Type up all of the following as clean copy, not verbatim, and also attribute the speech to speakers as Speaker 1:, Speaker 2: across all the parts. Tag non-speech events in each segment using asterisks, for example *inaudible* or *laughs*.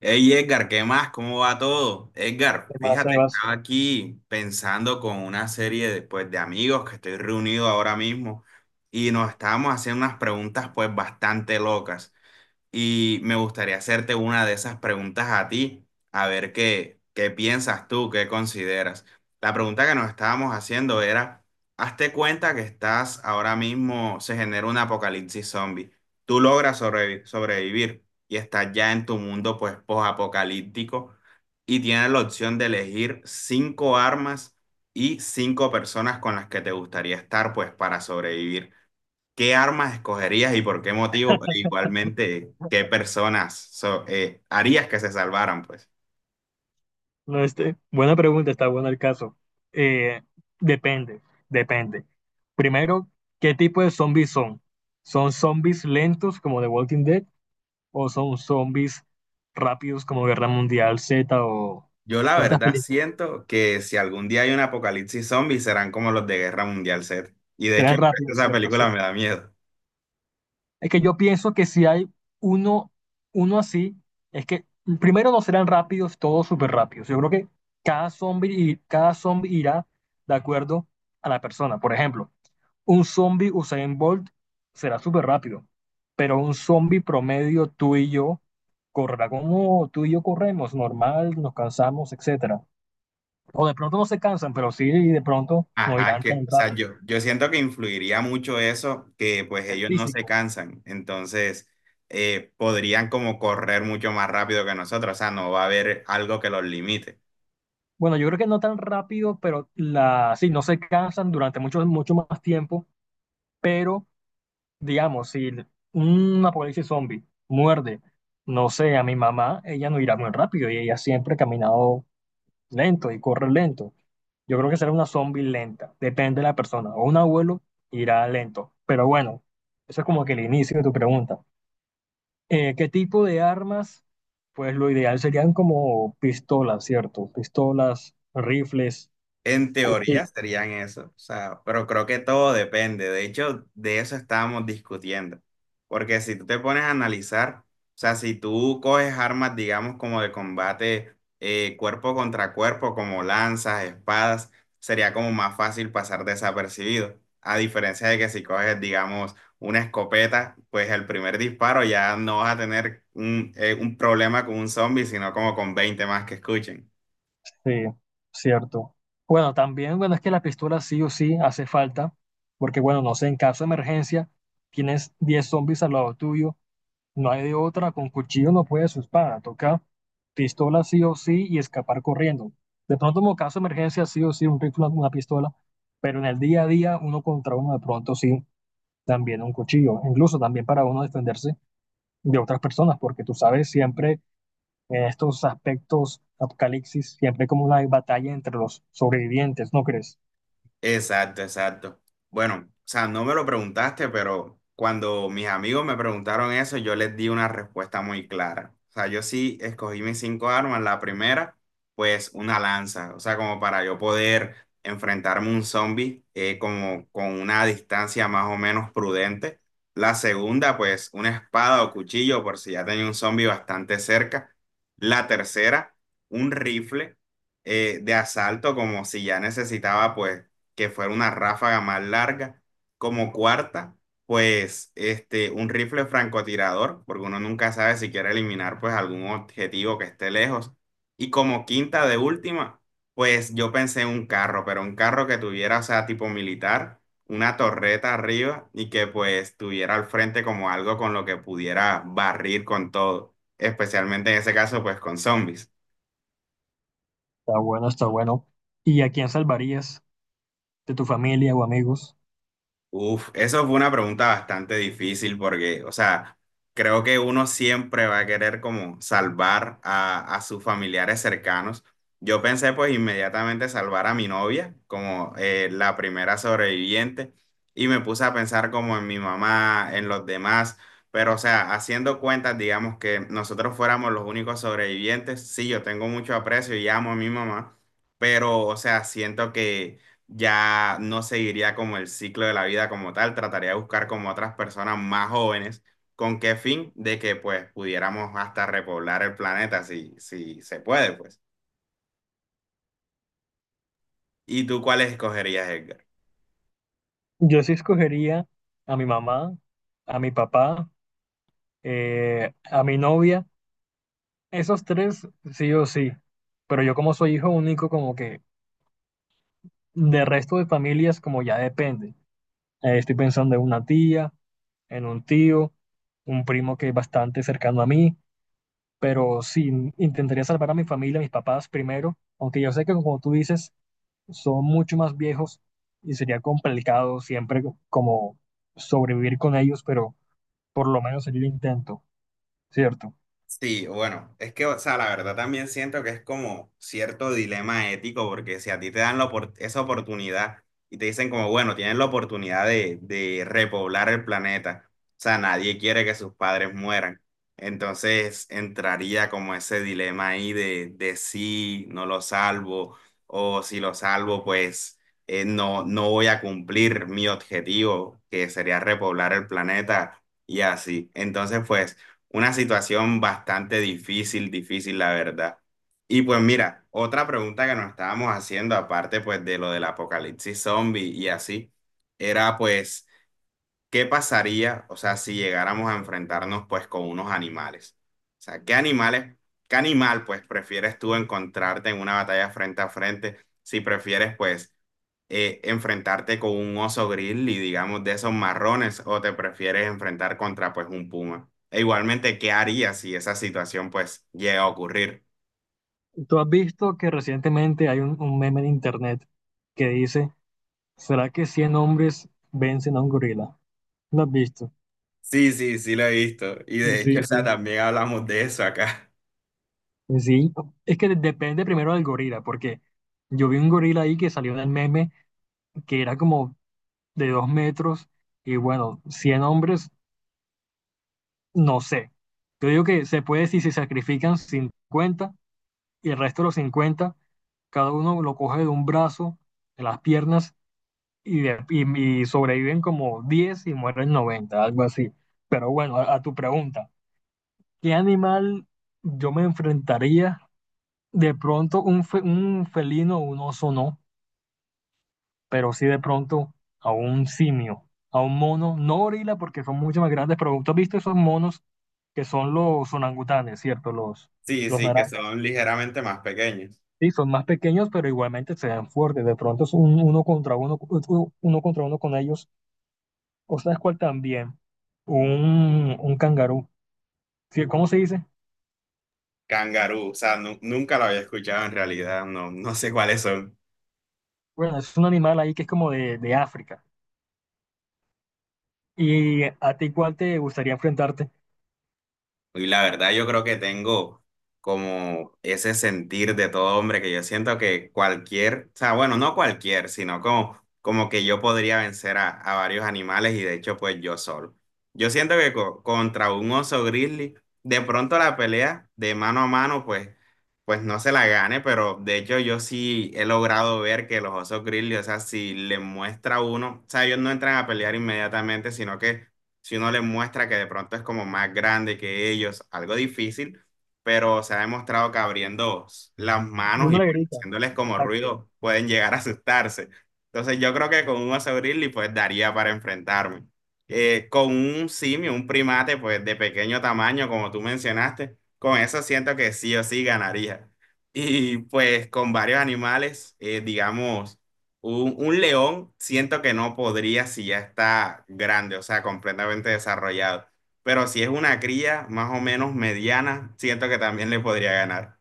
Speaker 1: Hey Edgar, ¿qué más? ¿Cómo va todo?
Speaker 2: ¿Qué
Speaker 1: Edgar, fíjate,
Speaker 2: Sebas?
Speaker 1: estaba aquí pensando con una serie pues, de amigos que estoy reunido ahora mismo y nos estábamos haciendo unas preguntas pues bastante locas. Y me gustaría hacerte una de esas preguntas a ti, a ver qué piensas tú, qué consideras. La pregunta que nos estábamos haciendo era, hazte cuenta que estás ahora mismo, se genera un apocalipsis zombie. Tú logras sobrevivir y estás ya en tu mundo pues posapocalíptico y tienes la opción de elegir cinco armas y cinco personas con las que te gustaría estar pues para sobrevivir. ¿Qué armas escogerías y por qué motivo? E
Speaker 2: *laughs*
Speaker 1: igualmente, ¿qué personas harías que se salvaran, pues?
Speaker 2: No, este, buena pregunta, está bueno el caso. Eh, depende, depende. Primero, ¿qué tipo de zombies son? ¿Son zombies lentos como The Walking Dead o son zombies rápidos como Guerra Mundial Z o,
Speaker 1: Yo la
Speaker 2: o estas
Speaker 1: verdad
Speaker 2: películas?
Speaker 1: siento que si algún día hay un apocalipsis zombie serán como los de Guerra Mundial Z. Y de hecho, *laughs*
Speaker 2: Serán
Speaker 1: por eso
Speaker 2: rápidos,
Speaker 1: esa
Speaker 2: ¿cierto? Sí.
Speaker 1: película me da miedo.
Speaker 2: Es que yo pienso que si hay uno, uno así, es que primero no serán rápidos, todos súper rápidos. Yo creo que cada zombie irá de acuerdo a la persona. Por ejemplo, un zombie Usain Bolt será súper rápido, pero un zombie promedio tú y yo correrá como tú y yo corremos, normal, nos cansamos, etcétera. O de pronto no se cansan, pero sí de pronto no
Speaker 1: Ajá,
Speaker 2: irán tan
Speaker 1: que, o sea,
Speaker 2: rápido.
Speaker 1: yo siento que influiría mucho eso, que pues
Speaker 2: El
Speaker 1: ellos no se
Speaker 2: físico.
Speaker 1: cansan, entonces podrían como correr mucho más rápido que nosotros, o sea, no va a haber algo que los limite.
Speaker 2: Bueno, yo creo que no tan rápido, pero la, sí, no se cansan durante mucho, mucho más tiempo, pero digamos, si un apocalipsis zombie muerde, no sé, a mi mamá, ella no irá muy rápido y ella siempre ha caminado lento y corre lento. Yo creo que será una zombie lenta, depende de la persona, o un abuelo irá lento. Pero bueno, eso es como que el inicio de tu pregunta. ¿Qué tipo de armas? Pues lo ideal serían como pistolas, ¿cierto? Pistolas, rifles,
Speaker 1: En
Speaker 2: cuchillos.
Speaker 1: teoría serían eso, o sea, pero creo que todo depende. De hecho, de eso estábamos discutiendo. Porque si tú te pones a analizar, o sea, si tú coges armas, digamos, como de combate cuerpo contra cuerpo, como lanzas, espadas, sería como más fácil pasar desapercibido. A diferencia de que si coges, digamos, una escopeta, pues el primer disparo ya no vas a tener un problema con un zombie, sino como con 20 más que escuchen.
Speaker 2: Sí, cierto. Bueno, también, bueno, es que la pistola sí o sí hace falta, porque bueno, no sé, en caso de emergencia, tienes 10 zombies al lado tuyo, no hay de otra, con cuchillo no puedes su espada, toca pistola sí o sí y escapar corriendo. De pronto, como caso de emergencia, sí o sí, un rifle, una pistola, pero en el día a día, uno contra uno, de pronto sí, también un cuchillo, incluso también para uno defenderse de otras personas, porque tú sabes, siempre en estos aspectos apocalipsis, siempre hay como una batalla entre los sobrevivientes, ¿no crees?
Speaker 1: Exacto, exacto. Bueno, o sea, no me lo preguntaste, pero cuando mis amigos me preguntaron eso, yo les di una respuesta muy clara. O sea, yo sí escogí mis cinco armas. La primera, pues una lanza, o sea, como para yo poder enfrentarme a un zombie como con una distancia más o menos prudente. La segunda, pues una espada o cuchillo, por si ya tenía un zombie bastante cerca. La tercera, un rifle de asalto, como si ya necesitaba, pues que fuera una ráfaga más larga. Como cuarta, pues este, un rifle francotirador, porque uno nunca sabe si quiere eliminar pues algún objetivo que esté lejos. Y como quinta de última, pues yo pensé en un carro, pero un carro que tuviera, o sea, tipo militar, una torreta arriba y que pues tuviera al frente como algo con lo que pudiera barrir con todo, especialmente en ese caso pues con zombies.
Speaker 2: Está bueno, está bueno. ¿Y a quién salvarías de tu familia o amigos?
Speaker 1: Uf, eso fue una pregunta bastante difícil porque, o sea, creo que uno siempre va a querer como salvar a sus familiares cercanos. Yo pensé pues inmediatamente salvar a mi novia como la primera sobreviviente y me puse a pensar como en mi mamá, en los demás, pero o sea, haciendo cuentas, digamos que nosotros fuéramos los únicos sobrevivientes, sí, yo tengo mucho aprecio y amo a mi mamá, pero o sea, siento que ya no seguiría como el ciclo de la vida como tal, trataría de buscar como otras personas más jóvenes, ¿con qué fin? De que pues pudiéramos hasta repoblar el planeta si se puede, pues. ¿Y tú cuáles escogerías, Edgar?
Speaker 2: Yo sí escogería a mi mamá, a mi papá, a mi novia, esos tres sí o sí, pero yo como soy hijo único, como que de resto de familias como ya depende. Estoy pensando en una tía, en un tío, un primo que es bastante cercano a mí, pero sí, intentaría salvar a mi familia, a mis papás primero, aunque yo sé que como tú dices, son mucho más viejos y sería complicado siempre como sobrevivir con ellos, pero por lo menos sería el intento, ¿cierto?
Speaker 1: Sí, bueno, es que, o sea, la verdad también siento que es como cierto dilema ético, porque si a ti te dan esa oportunidad y te dicen como, bueno, tienes la oportunidad de repoblar el planeta, o sea, nadie quiere que sus padres mueran. Entonces entraría como ese dilema ahí de si no lo salvo, o si lo salvo, pues no, no voy a cumplir mi objetivo, que sería repoblar el planeta y así. Entonces, pues... Una situación bastante difícil, difícil, la verdad. Y pues mira, otra pregunta que nos estábamos haciendo, aparte pues de lo del apocalipsis zombie y así, era pues... ¿qué pasaría, o sea, si llegáramos a enfrentarnos pues con unos animales? O sea, ¿qué animales, qué animal pues prefieres tú encontrarte en una batalla frente a frente si prefieres pues enfrentarte con un oso grizzly, digamos, de esos marrones o te prefieres enfrentar contra pues un puma? E igualmente, ¿qué harías si esa situación pues llega a ocurrir?
Speaker 2: Tú has visto que recientemente hay un meme en internet que dice, ¿será que 100 hombres vencen a un gorila? ¿Lo has visto?
Speaker 1: Sí, sí, sí lo he visto. Y de hecho, o
Speaker 2: Sí,
Speaker 1: sea,
Speaker 2: sí.
Speaker 1: también hablamos de eso acá. *laughs*
Speaker 2: Sí, es que depende primero del gorila, porque yo vi un gorila ahí que salió en el meme que era como de 2 metros y bueno, 100 hombres, no sé. Yo digo que se puede si se sacrifican 50 y el resto de los 50 cada uno lo coge de un brazo, de las piernas y, y sobreviven como 10 y mueren 90 algo así. Pero bueno, a tu pregunta, ¿qué animal yo me enfrentaría? De pronto un felino, un oso no, pero sí de pronto a un simio, a un mono, no gorila porque son mucho más grandes, pero tú has visto esos monos que son los orangutanes, ¿cierto?
Speaker 1: Sí,
Speaker 2: Los
Speaker 1: sí, que
Speaker 2: naranjas.
Speaker 1: son ligeramente más pequeños.
Speaker 2: Sí, son más pequeños, pero igualmente se dan fuertes. De pronto es uno contra uno, uno contra uno con ellos. ¿O sabes cuál también? Un cangarú. Sí, ¿cómo se dice?
Speaker 1: Kangaroo, o sea, nunca lo había escuchado en realidad, no, no sé cuáles son.
Speaker 2: Bueno, es un animal ahí que es como de África. ¿Y a ti cuál te gustaría enfrentarte?
Speaker 1: Y la verdad yo creo que tengo como ese sentir de todo hombre que yo siento que cualquier, o sea, bueno, no cualquier, sino como, como que yo podría vencer a varios animales y de hecho pues yo solo. Yo siento que contra un oso grizzly, de pronto la pelea de mano a mano pues, pues no se la gane, pero de hecho yo sí he logrado ver que los osos grizzly, o sea, si le muestra a uno, o sea, ellos no entran a pelear inmediatamente, sino que si uno les muestra que de pronto es como más grande que ellos, algo difícil, pero se ha demostrado que abriendo las manos
Speaker 2: Uno
Speaker 1: y
Speaker 2: le
Speaker 1: pues,
Speaker 2: grita.
Speaker 1: haciéndoles como
Speaker 2: Exacto.
Speaker 1: ruido pueden llegar a asustarse. Entonces yo creo que con un oso grizzly pues daría para enfrentarme. Con un simio, un primate pues de pequeño tamaño, como tú mencionaste, con eso siento que sí o sí ganaría. Y pues con varios animales, digamos un león siento que no podría si ya está grande, o sea, completamente desarrollado. Pero si es una cría más o menos mediana, siento que también le podría ganar.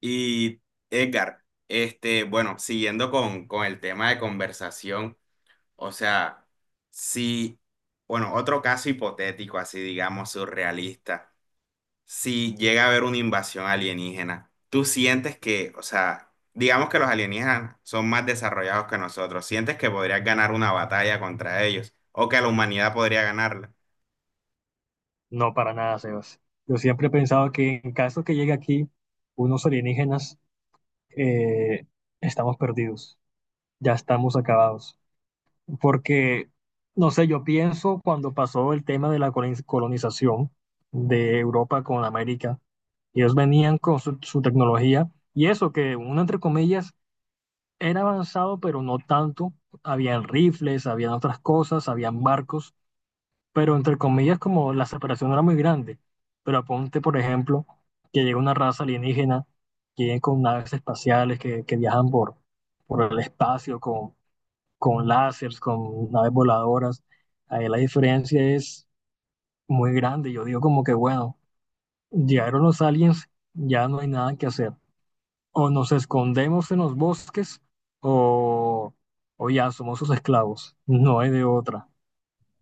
Speaker 1: Y Edgar, este, bueno, siguiendo con el tema de conversación, o sea, si, bueno, otro caso hipotético, así digamos, surrealista. Si llega a haber una invasión alienígena, tú sientes que, o sea, digamos que los alienígenas son más desarrollados que nosotros, sientes que podrías ganar una batalla contra ellos o que la humanidad podría ganarla.
Speaker 2: No, para nada, Sebas. Yo siempre he pensado que en caso que llegue aquí unos alienígenas, eh, estamos perdidos, ya estamos acabados. Porque, no sé, yo pienso cuando pasó el tema de la colonización de Europa con América, ellos venían con su tecnología y eso que uno, entre comillas, era avanzado, pero no tanto. Habían rifles, habían otras cosas, habían barcos, pero entre comillas como la separación no era muy grande. Pero aponte, por ejemplo, que llega una raza alienígena que viene con naves espaciales que viajan por el espacio con láseres, con naves voladoras. Ahí la diferencia es muy grande. Yo digo como que, bueno, llegaron los aliens, ya no hay nada que hacer. O nos escondemos en los bosques o, o ya somos sus esclavos. No hay de otra.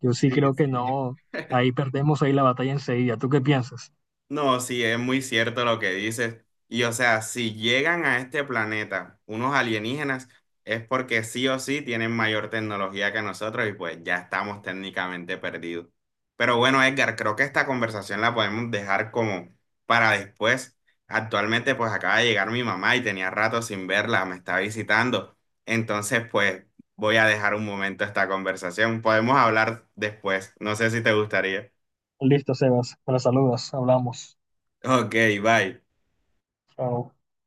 Speaker 2: Yo sí
Speaker 1: Sí,
Speaker 2: creo que
Speaker 1: sí.
Speaker 2: no. Ahí perdemos ahí la batalla enseguida. ¿Tú qué piensas?
Speaker 1: No, sí, es muy cierto lo que dices. Y o sea, si llegan a este planeta unos alienígenas, es porque sí o sí tienen mayor tecnología que nosotros y pues ya estamos técnicamente perdidos. Pero bueno, Edgar, creo que esta conversación la podemos dejar como para después. Actualmente pues acaba de llegar mi mamá y tenía rato sin verla, me está visitando. Entonces pues voy a dejar un momento esta conversación. Podemos hablar después. No sé si te gustaría.
Speaker 2: Listo, Sebas. Me la saludas. Hablamos.
Speaker 1: Ok, bye.
Speaker 2: Chao.